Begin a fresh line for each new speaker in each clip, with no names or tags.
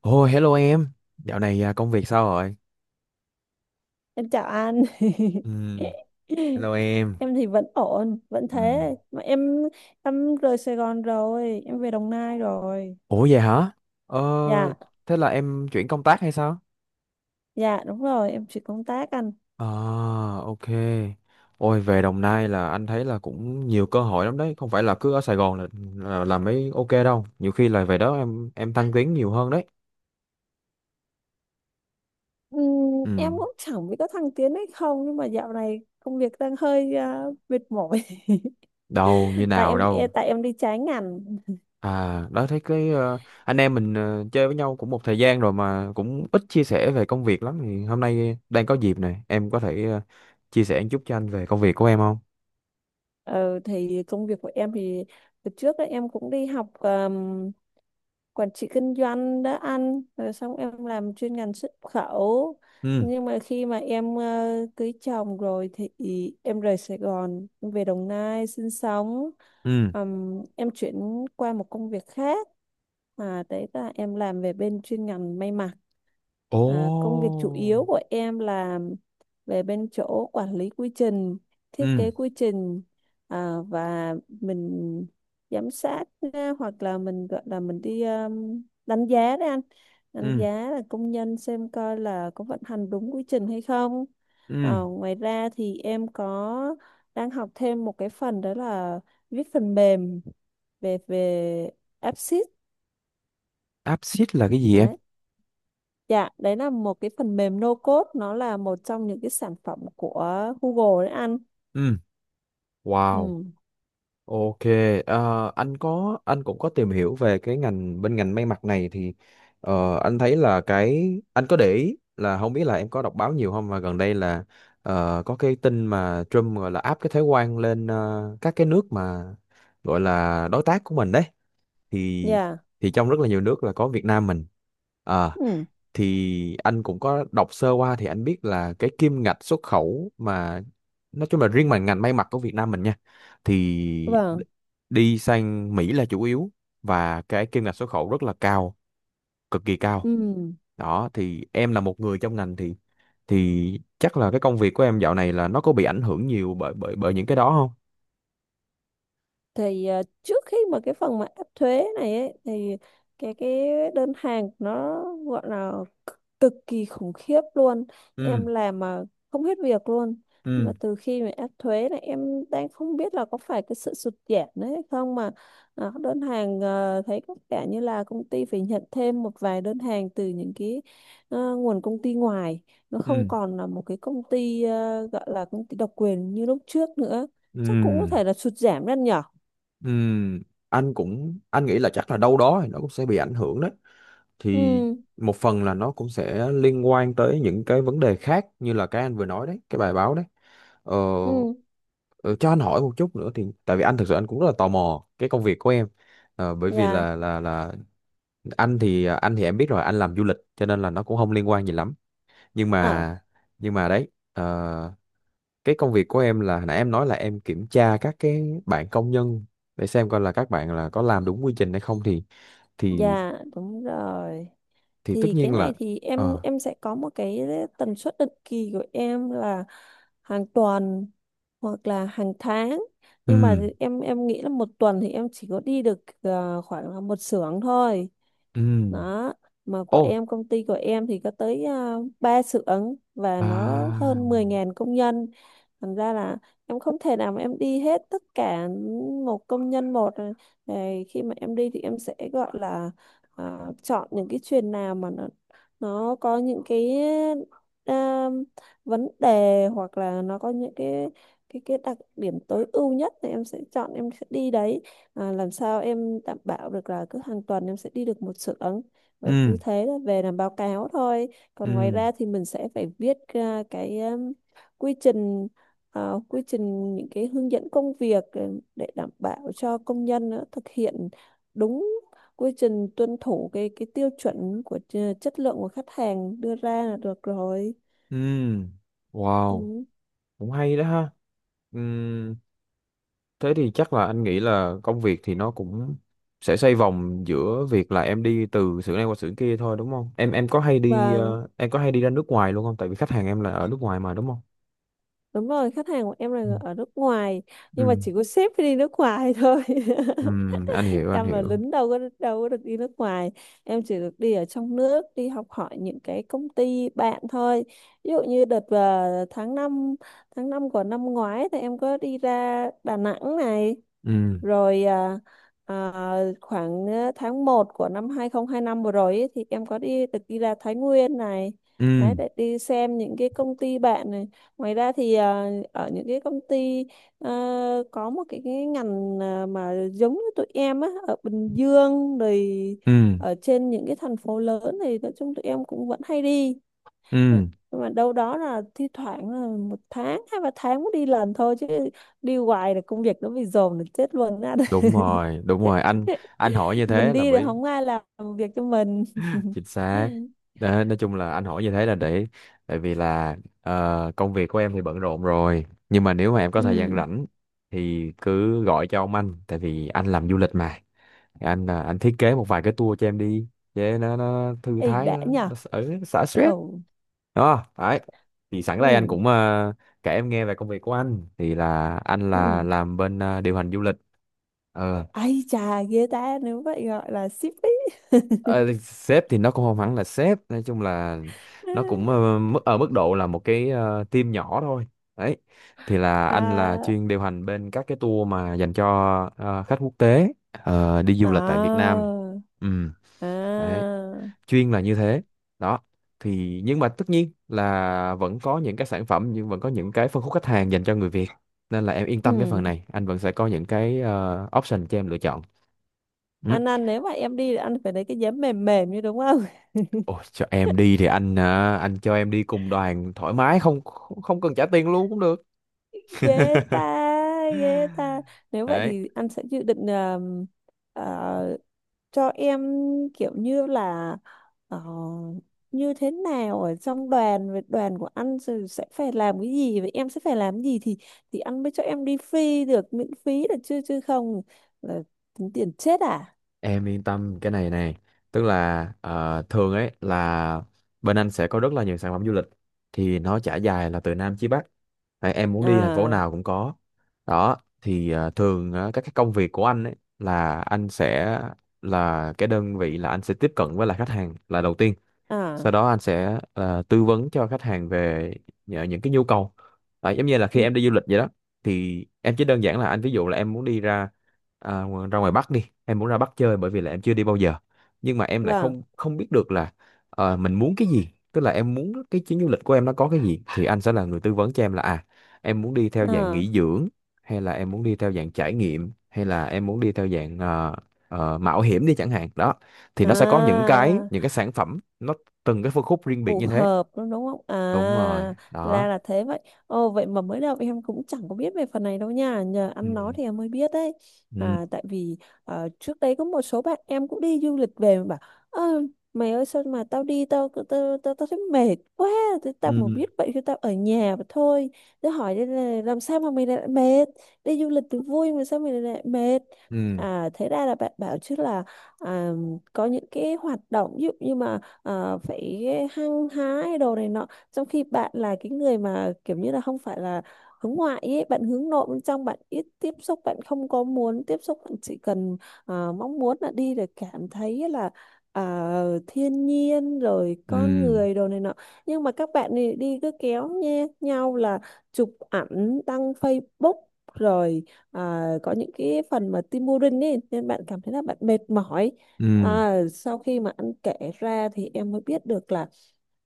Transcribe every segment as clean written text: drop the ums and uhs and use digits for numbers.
Ồ, hello em. Dạo này công việc sao rồi?
Em chào anh.
Ừ, hello em.
Em thì vẫn ổn, vẫn
Ừ.
thế. Mà em rời Sài Gòn rồi, em về Đồng Nai rồi.
Ủa vậy hả? Ờ,
Dạ,
thế là em chuyển công tác hay sao?
dạ đúng rồi, em chuyển công tác anh.
À, ok. Ôi, về Đồng Nai là anh thấy là cũng nhiều cơ hội lắm đấy. Không phải là cứ ở Sài Gòn là làm mới ok đâu. Nhiều khi là về đó em thăng tiến nhiều hơn đấy.
Ừm, em
Ừ,
cũng chẳng biết có thăng tiến hay không, nhưng mà dạo này công việc đang hơi mệt mỏi.
đâu như
tại
nào
em
đâu.
tại em đi trái ngành.
À, đó thấy anh em mình chơi với nhau cũng một thời gian rồi mà cũng ít chia sẻ về công việc lắm thì hôm nay đang có dịp này, em có thể chia sẻ một chút cho anh về công việc của em không?
Ờ, thì công việc của em thì từ trước ấy, em cũng đi học quản trị kinh doanh đã ăn rồi, xong em làm chuyên ngành xuất khẩu.
Ừ,
Nhưng mà khi mà em cưới chồng rồi thì em rời Sài Gòn, em về Đồng Nai sinh sống.
ừ.
Em chuyển qua một công việc khác, đấy là em làm về bên chuyên ngành may mặc.
Ồ.
Công việc chủ yếu của em là về bên chỗ quản lý quy trình, thiết
Ừ,
kế quy trình, và mình giám sát á, hoặc là mình gọi là mình đi đánh giá đấy anh. Đánh
ừ,
giá là công nhân xem coi là có vận hành đúng quy trình hay không.
ừ.
Ngoài ra thì em có đang học thêm một cái phần, đó là viết phần mềm về về AppSheet
Apsit là cái gì em?
đấy. Dạ đấy là một cái phần mềm no code, nó là một trong những cái sản phẩm của Google đấy anh.
Ừ. Wow.
Ừ.
Ok, ờ, anh có anh cũng có tìm hiểu về cái ngành bên ngành may mặc này thì anh thấy là cái anh có để ý là không biết là em có đọc báo nhiều không mà gần đây là có cái tin mà Trump gọi là áp cái thuế quan lên các cái nước mà gọi là đối tác của mình đấy thì
Dạ.
thì trong rất là nhiều nước là có Việt Nam mình. Ờ,
Ừ.
thì anh cũng có đọc sơ qua thì anh biết là cái kim ngạch xuất khẩu mà nói chung là riêng mà ngành may mặc của Việt Nam mình nha thì
Vâng.
đi sang Mỹ là chủ yếu và cái kim ngạch xuất khẩu rất là cao, cực kỳ cao.
Ừ.
Đó thì em là một người trong ngành thì chắc là cái công việc của em dạo này là nó có bị ảnh hưởng nhiều bởi bởi bởi những cái đó không?
Thì trước khi mà cái phần mà áp thuế này ấy, thì cái đơn hàng nó gọi là c- cực kỳ khủng khiếp luôn. Em
Ừ,
làm mà không hết việc luôn. Nhưng mà
ừ,
từ khi mà áp thuế này, em đang không biết là có phải cái sự sụt giảm đấy hay không mà đơn hàng thấy có vẻ như là công ty phải nhận thêm một vài đơn hàng từ những cái nguồn công ty ngoài. Nó không
ừ,
còn là một cái công ty gọi là công ty độc quyền như lúc trước nữa. Chắc cũng có
ừ,
thể là sụt giảm lên nhỉ.
ừm, anh cũng anh nghĩ là chắc là đâu đó thì nó cũng sẽ bị ảnh hưởng đấy. Thì
Ừ.
một phần là nó cũng sẽ liên quan tới những cái vấn đề khác như là cái anh vừa nói đấy cái bài báo đấy. ờ,
Ừ.
ờ, cho anh hỏi một chút nữa thì tại vì anh thực sự anh cũng rất là tò mò cái công việc của em. Bởi vì
Dạ.
là anh thì em biết rồi anh làm du lịch cho nên là nó cũng không liên quan gì lắm. Nhưng
ờ,
mà nhưng mà đấy, cái công việc của em là hồi nãy em nói là em kiểm tra các cái bạn công nhân để xem coi là các bạn là có làm đúng quy trình hay không thì
dạ đúng rồi.
thì tất
Thì cái
nhiên là
này thì em
ờ,
em sẽ có một cái tần suất định kỳ của em là hàng tuần hoặc là hàng tháng. Nhưng mà
ừ.
em nghĩ là một tuần thì em chỉ có đi được khoảng là một xưởng thôi.
음.
Đó, mà của
어.
em công ty của em thì có tới 3 xưởng và nó
À,
hơn 10.000 công nhân. Thành ra là em không thể nào mà em đi hết tất cả một công nhân một. Rồi khi mà em đi thì em sẽ gọi là chọn những cái chuyền nào mà nó có những cái à, vấn đề, hoặc là nó có những cái đặc điểm tối ưu nhất thì em sẽ chọn, em sẽ đi đấy. Làm sao em đảm bảo được là cứ hàng tuần em sẽ đi được một xưởng, và như
음.
thế là về làm báo cáo thôi. Còn ngoài ra
음.
thì mình sẽ phải viết ra cái quy trình, quy trình những cái hướng dẫn công việc, để đảm bảo cho công nhân thực hiện đúng quy trình, tuân thủ cái tiêu chuẩn của chất lượng của khách hàng đưa ra là được rồi.
음. Wow.
Ừ.
Cũng hay đó ha. 음. Thế thì chắc là anh nghĩ là công việc thì nó cũng sẽ xoay vòng giữa việc là em đi từ xưởng này qua xưởng kia thôi đúng không? Em có hay đi
Vâng,
em có hay đi ra nước ngoài luôn không? Tại vì khách hàng em là ở nước ngoài mà đúng không?
đúng rồi, khách hàng của em
Ừ.
là ở nước ngoài, nhưng mà
Ừ.
chỉ có sếp phải đi nước ngoài thôi.
Ừ. Anh hiểu, anh
Em là
hiểu.
lính, đâu có được đi nước ngoài. Em chỉ được đi ở trong nước, đi học hỏi những cái công ty bạn thôi. Ví dụ như đợt vào tháng 5, tháng 5 của năm ngoái thì em có đi ra Đà Nẵng này.
Ừ.
Rồi khoảng tháng 1 của năm 2025 vừa rồi ấy, thì em có đi được đi ra Thái Nguyên này. Đấy,
Ừ.
để đi xem những cái công ty bạn này. Ngoài ra thì ở những cái công ty à, có một cái ngành mà giống như tụi em á, ở Bình Dương rồi
Ừ.
ở trên những cái thành phố lớn, thì nói chung tụi em cũng vẫn hay đi.
Ừ.
Nhưng mà đâu đó là thi thoảng là một tháng, hai ba tháng mới đi lần thôi chứ. Đi hoài là công việc nó bị dồn là chết luôn á.
Đúng rồi, đúng rồi. Anh hỏi như
Mình
thế là
đi thì
bởi
không ai làm việc cho mình.
chính xác. Đó, nói chung là anh hỏi như thế là để tại vì là công việc của em thì bận rộn rồi nhưng mà nếu mà em có thời gian
Ừ.
rảnh thì cứ gọi cho ông anh tại vì anh làm du lịch mà. Anh thiết kế một vài cái tour cho em đi để nó thư
Ý
thái
đã
nó,
nhờ.
nó ở xả stress.
Ừ.
Đó đấy, thì sẵn
Ừ.
đây anh cũng kể em nghe về công việc của anh thì là anh là
Ừ.
làm bên điều hành du lịch. Ờ,
Ai chà, ghê ta, nếu vậy gọi là ship ý.
Ờ, sếp thì nó cũng không hẳn là sếp, nói chung là nó cũng mức ở mức độ là một cái team nhỏ thôi. Đấy, thì là anh là
À.
chuyên điều hành bên các cái tour mà dành cho khách quốc tế đi du lịch tại Việt
À.
Nam. Ừ. Đấy,
À.
chuyên là như thế. Đó thì nhưng mà tất nhiên là vẫn có những cái sản phẩm nhưng vẫn có những cái phân khúc khách hàng dành cho người Việt nên là em yên tâm cái phần
Ừ.
này anh vẫn sẽ có những cái option cho em lựa chọn.
Anh ăn, nếu mà em đi thì anh phải lấy cái giấm mềm mềm như đúng không.
Ôi, cho em đi thì anh cho em đi cùng đoàn thoải mái, không không không cần trả tiền luôn cũng được.
Ghê ta. Ghê ta. Nếu vậy
Đấy,
thì anh sẽ dự định uh, cho em kiểu như là ờ, như thế nào ở trong đoàn, về đoàn của anh rồi sẽ phải làm cái gì và em sẽ phải làm cái gì, thì anh mới cho em đi free được, miễn phí được chứ chứ không là tính tiền chết À.
em yên tâm cái này này, tức là thường ấy là bên anh sẽ có rất là nhiều sản phẩm du lịch thì nó trải dài là từ Nam chí Bắc. Đấy, em muốn đi thành phố
À.
nào cũng có. Đó thì thường á, các cái công việc của anh ấy là anh sẽ là cái đơn vị là anh sẽ tiếp cận với lại khách hàng là đầu tiên, sau
À.
đó anh sẽ là tư vấn cho khách hàng về nhờ những cái nhu cầu. À, giống như là khi
Ừ.
em đi du lịch vậy đó, thì em chỉ đơn giản là anh ví dụ là em muốn đi ra à, ra ngoài Bắc đi, em muốn ra Bắc chơi bởi vì là em chưa đi bao giờ nhưng mà em lại
Vâng.
không không biết được là mình muốn cái gì, tức là em muốn cái chuyến du lịch của em nó có cái gì thì anh sẽ là người tư vấn cho em là à em muốn đi theo dạng
À.
nghỉ dưỡng hay là em muốn đi theo dạng trải nghiệm hay là em muốn đi theo dạng mạo hiểm đi chẳng hạn đó. Thì nó sẽ có
À.
những cái sản phẩm nó từng cái phân khúc riêng biệt
Phù
như thế.
hợp đúng, đúng không à.
Đúng rồi đó.
Ra là thế vậy. Ồ, vậy mà mới đầu em cũng chẳng có biết về phần này đâu nha, nhờ ăn nó
Ừ,
thì em mới biết đấy.
ừ,
Tại vì trước đấy có một số bạn em cũng đi du lịch về mà bảo: "Ơ, mày ơi, sao mà tao đi, tao thấy mệt quá. Thế tao mà
ừ,
biết vậy thì tao ở nhà mà thôi." Tao hỏi đây là làm sao mà mày lại mệt, đi du lịch thì vui mà sao mày lại mệt.
ừ,
Thế ra là bạn bảo chứ là à, có những cái hoạt động ví dụ như mà phải hăng hái đồ này nọ, trong khi bạn là cái người mà kiểu như là không phải là hướng ngoại ấy, bạn hướng nội, bên trong bạn ít tiếp xúc, bạn không có muốn tiếp xúc, bạn chỉ cần mong muốn là đi để cảm thấy là thiên nhiên rồi con
ừ,
người đồ này nọ. Nhưng mà các bạn này đi cứ kéo nhé nhau là chụp ảnh đăng Facebook, rồi có những cái phần mà tim urine ấy, nên bạn cảm thấy là bạn mệt mỏi.
ừ,
Sau khi mà anh kể ra thì em mới biết được là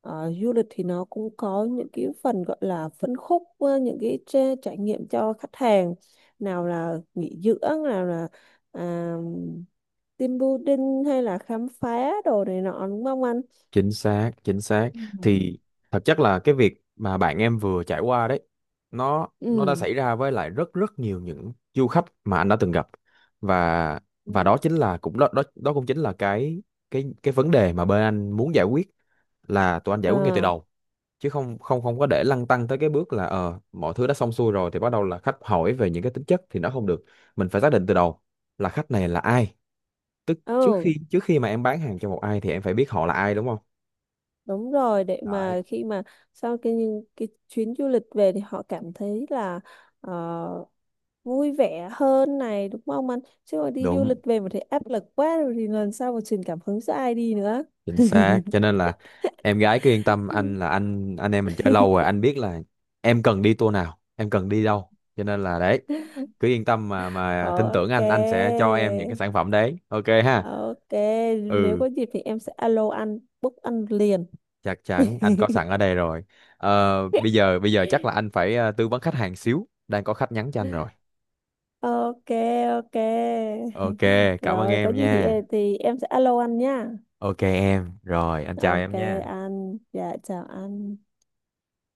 du lịch thì nó cũng có những cái phần gọi là phân khúc, những cái trải nghiệm cho khách hàng, nào là nghỉ dưỡng, nào là à, team building, hay là khám phá đồ này nọ, đúng không anh?
chính xác, chính xác.
Ừ.
Thì thật chất là cái việc mà bạn em vừa trải qua đấy nó đã
Ừ.
xảy ra với lại rất rất nhiều những du khách mà anh đã từng gặp. và và đó
Ừ.
chính là cũng đó đó đó cũng chính là cái vấn đề mà bên anh muốn giải quyết, là tụi anh giải quyết ngay từ
À.
đầu, chứ không không không có để lăn tăn tới cái bước là ờ mọi thứ đã xong xuôi rồi thì bắt đầu là khách hỏi về những cái tính chất thì nó không được. Mình phải xác định từ đầu là khách này là ai, tức trước
Ừ.
khi trước khi mà em bán hàng cho một ai thì em phải biết họ là ai đúng không.
Đúng rồi, để
Đấy.
mà khi mà sau cái những cái chuyến du lịch về thì họ cảm thấy là ờ, vui vẻ hơn này, đúng không anh? Chứ mà đi du lịch
Đúng,
về mà thấy áp lực quá rồi thì lần sau mà truyền cảm hứng cho ai đi nữa.
chính xác, cho nên là em gái cứ yên tâm anh là anh em mình chơi lâu rồi anh biết là em cần đi tour nào em cần đi đâu, cho nên là đấy, cứ yên tâm mà tin tưởng
Ok.
anh sẽ cho em những cái sản phẩm đấy ok ha.
Ok, nếu
Ừ,
có dịp thì em sẽ alo anh, book anh liền.
chắc chắn anh có sẵn ở đây rồi. Ờ, bây giờ chắc là anh phải tư vấn khách hàng xíu đang có khách nhắn cho anh rồi.
Ok, ok.
Ok, cảm ơn
Rồi có
em
gì thì
nha.
thì em sẽ alo anh nha.
Ok em, rồi anh chào
Ok
em nha.
anh, dạ chào anh.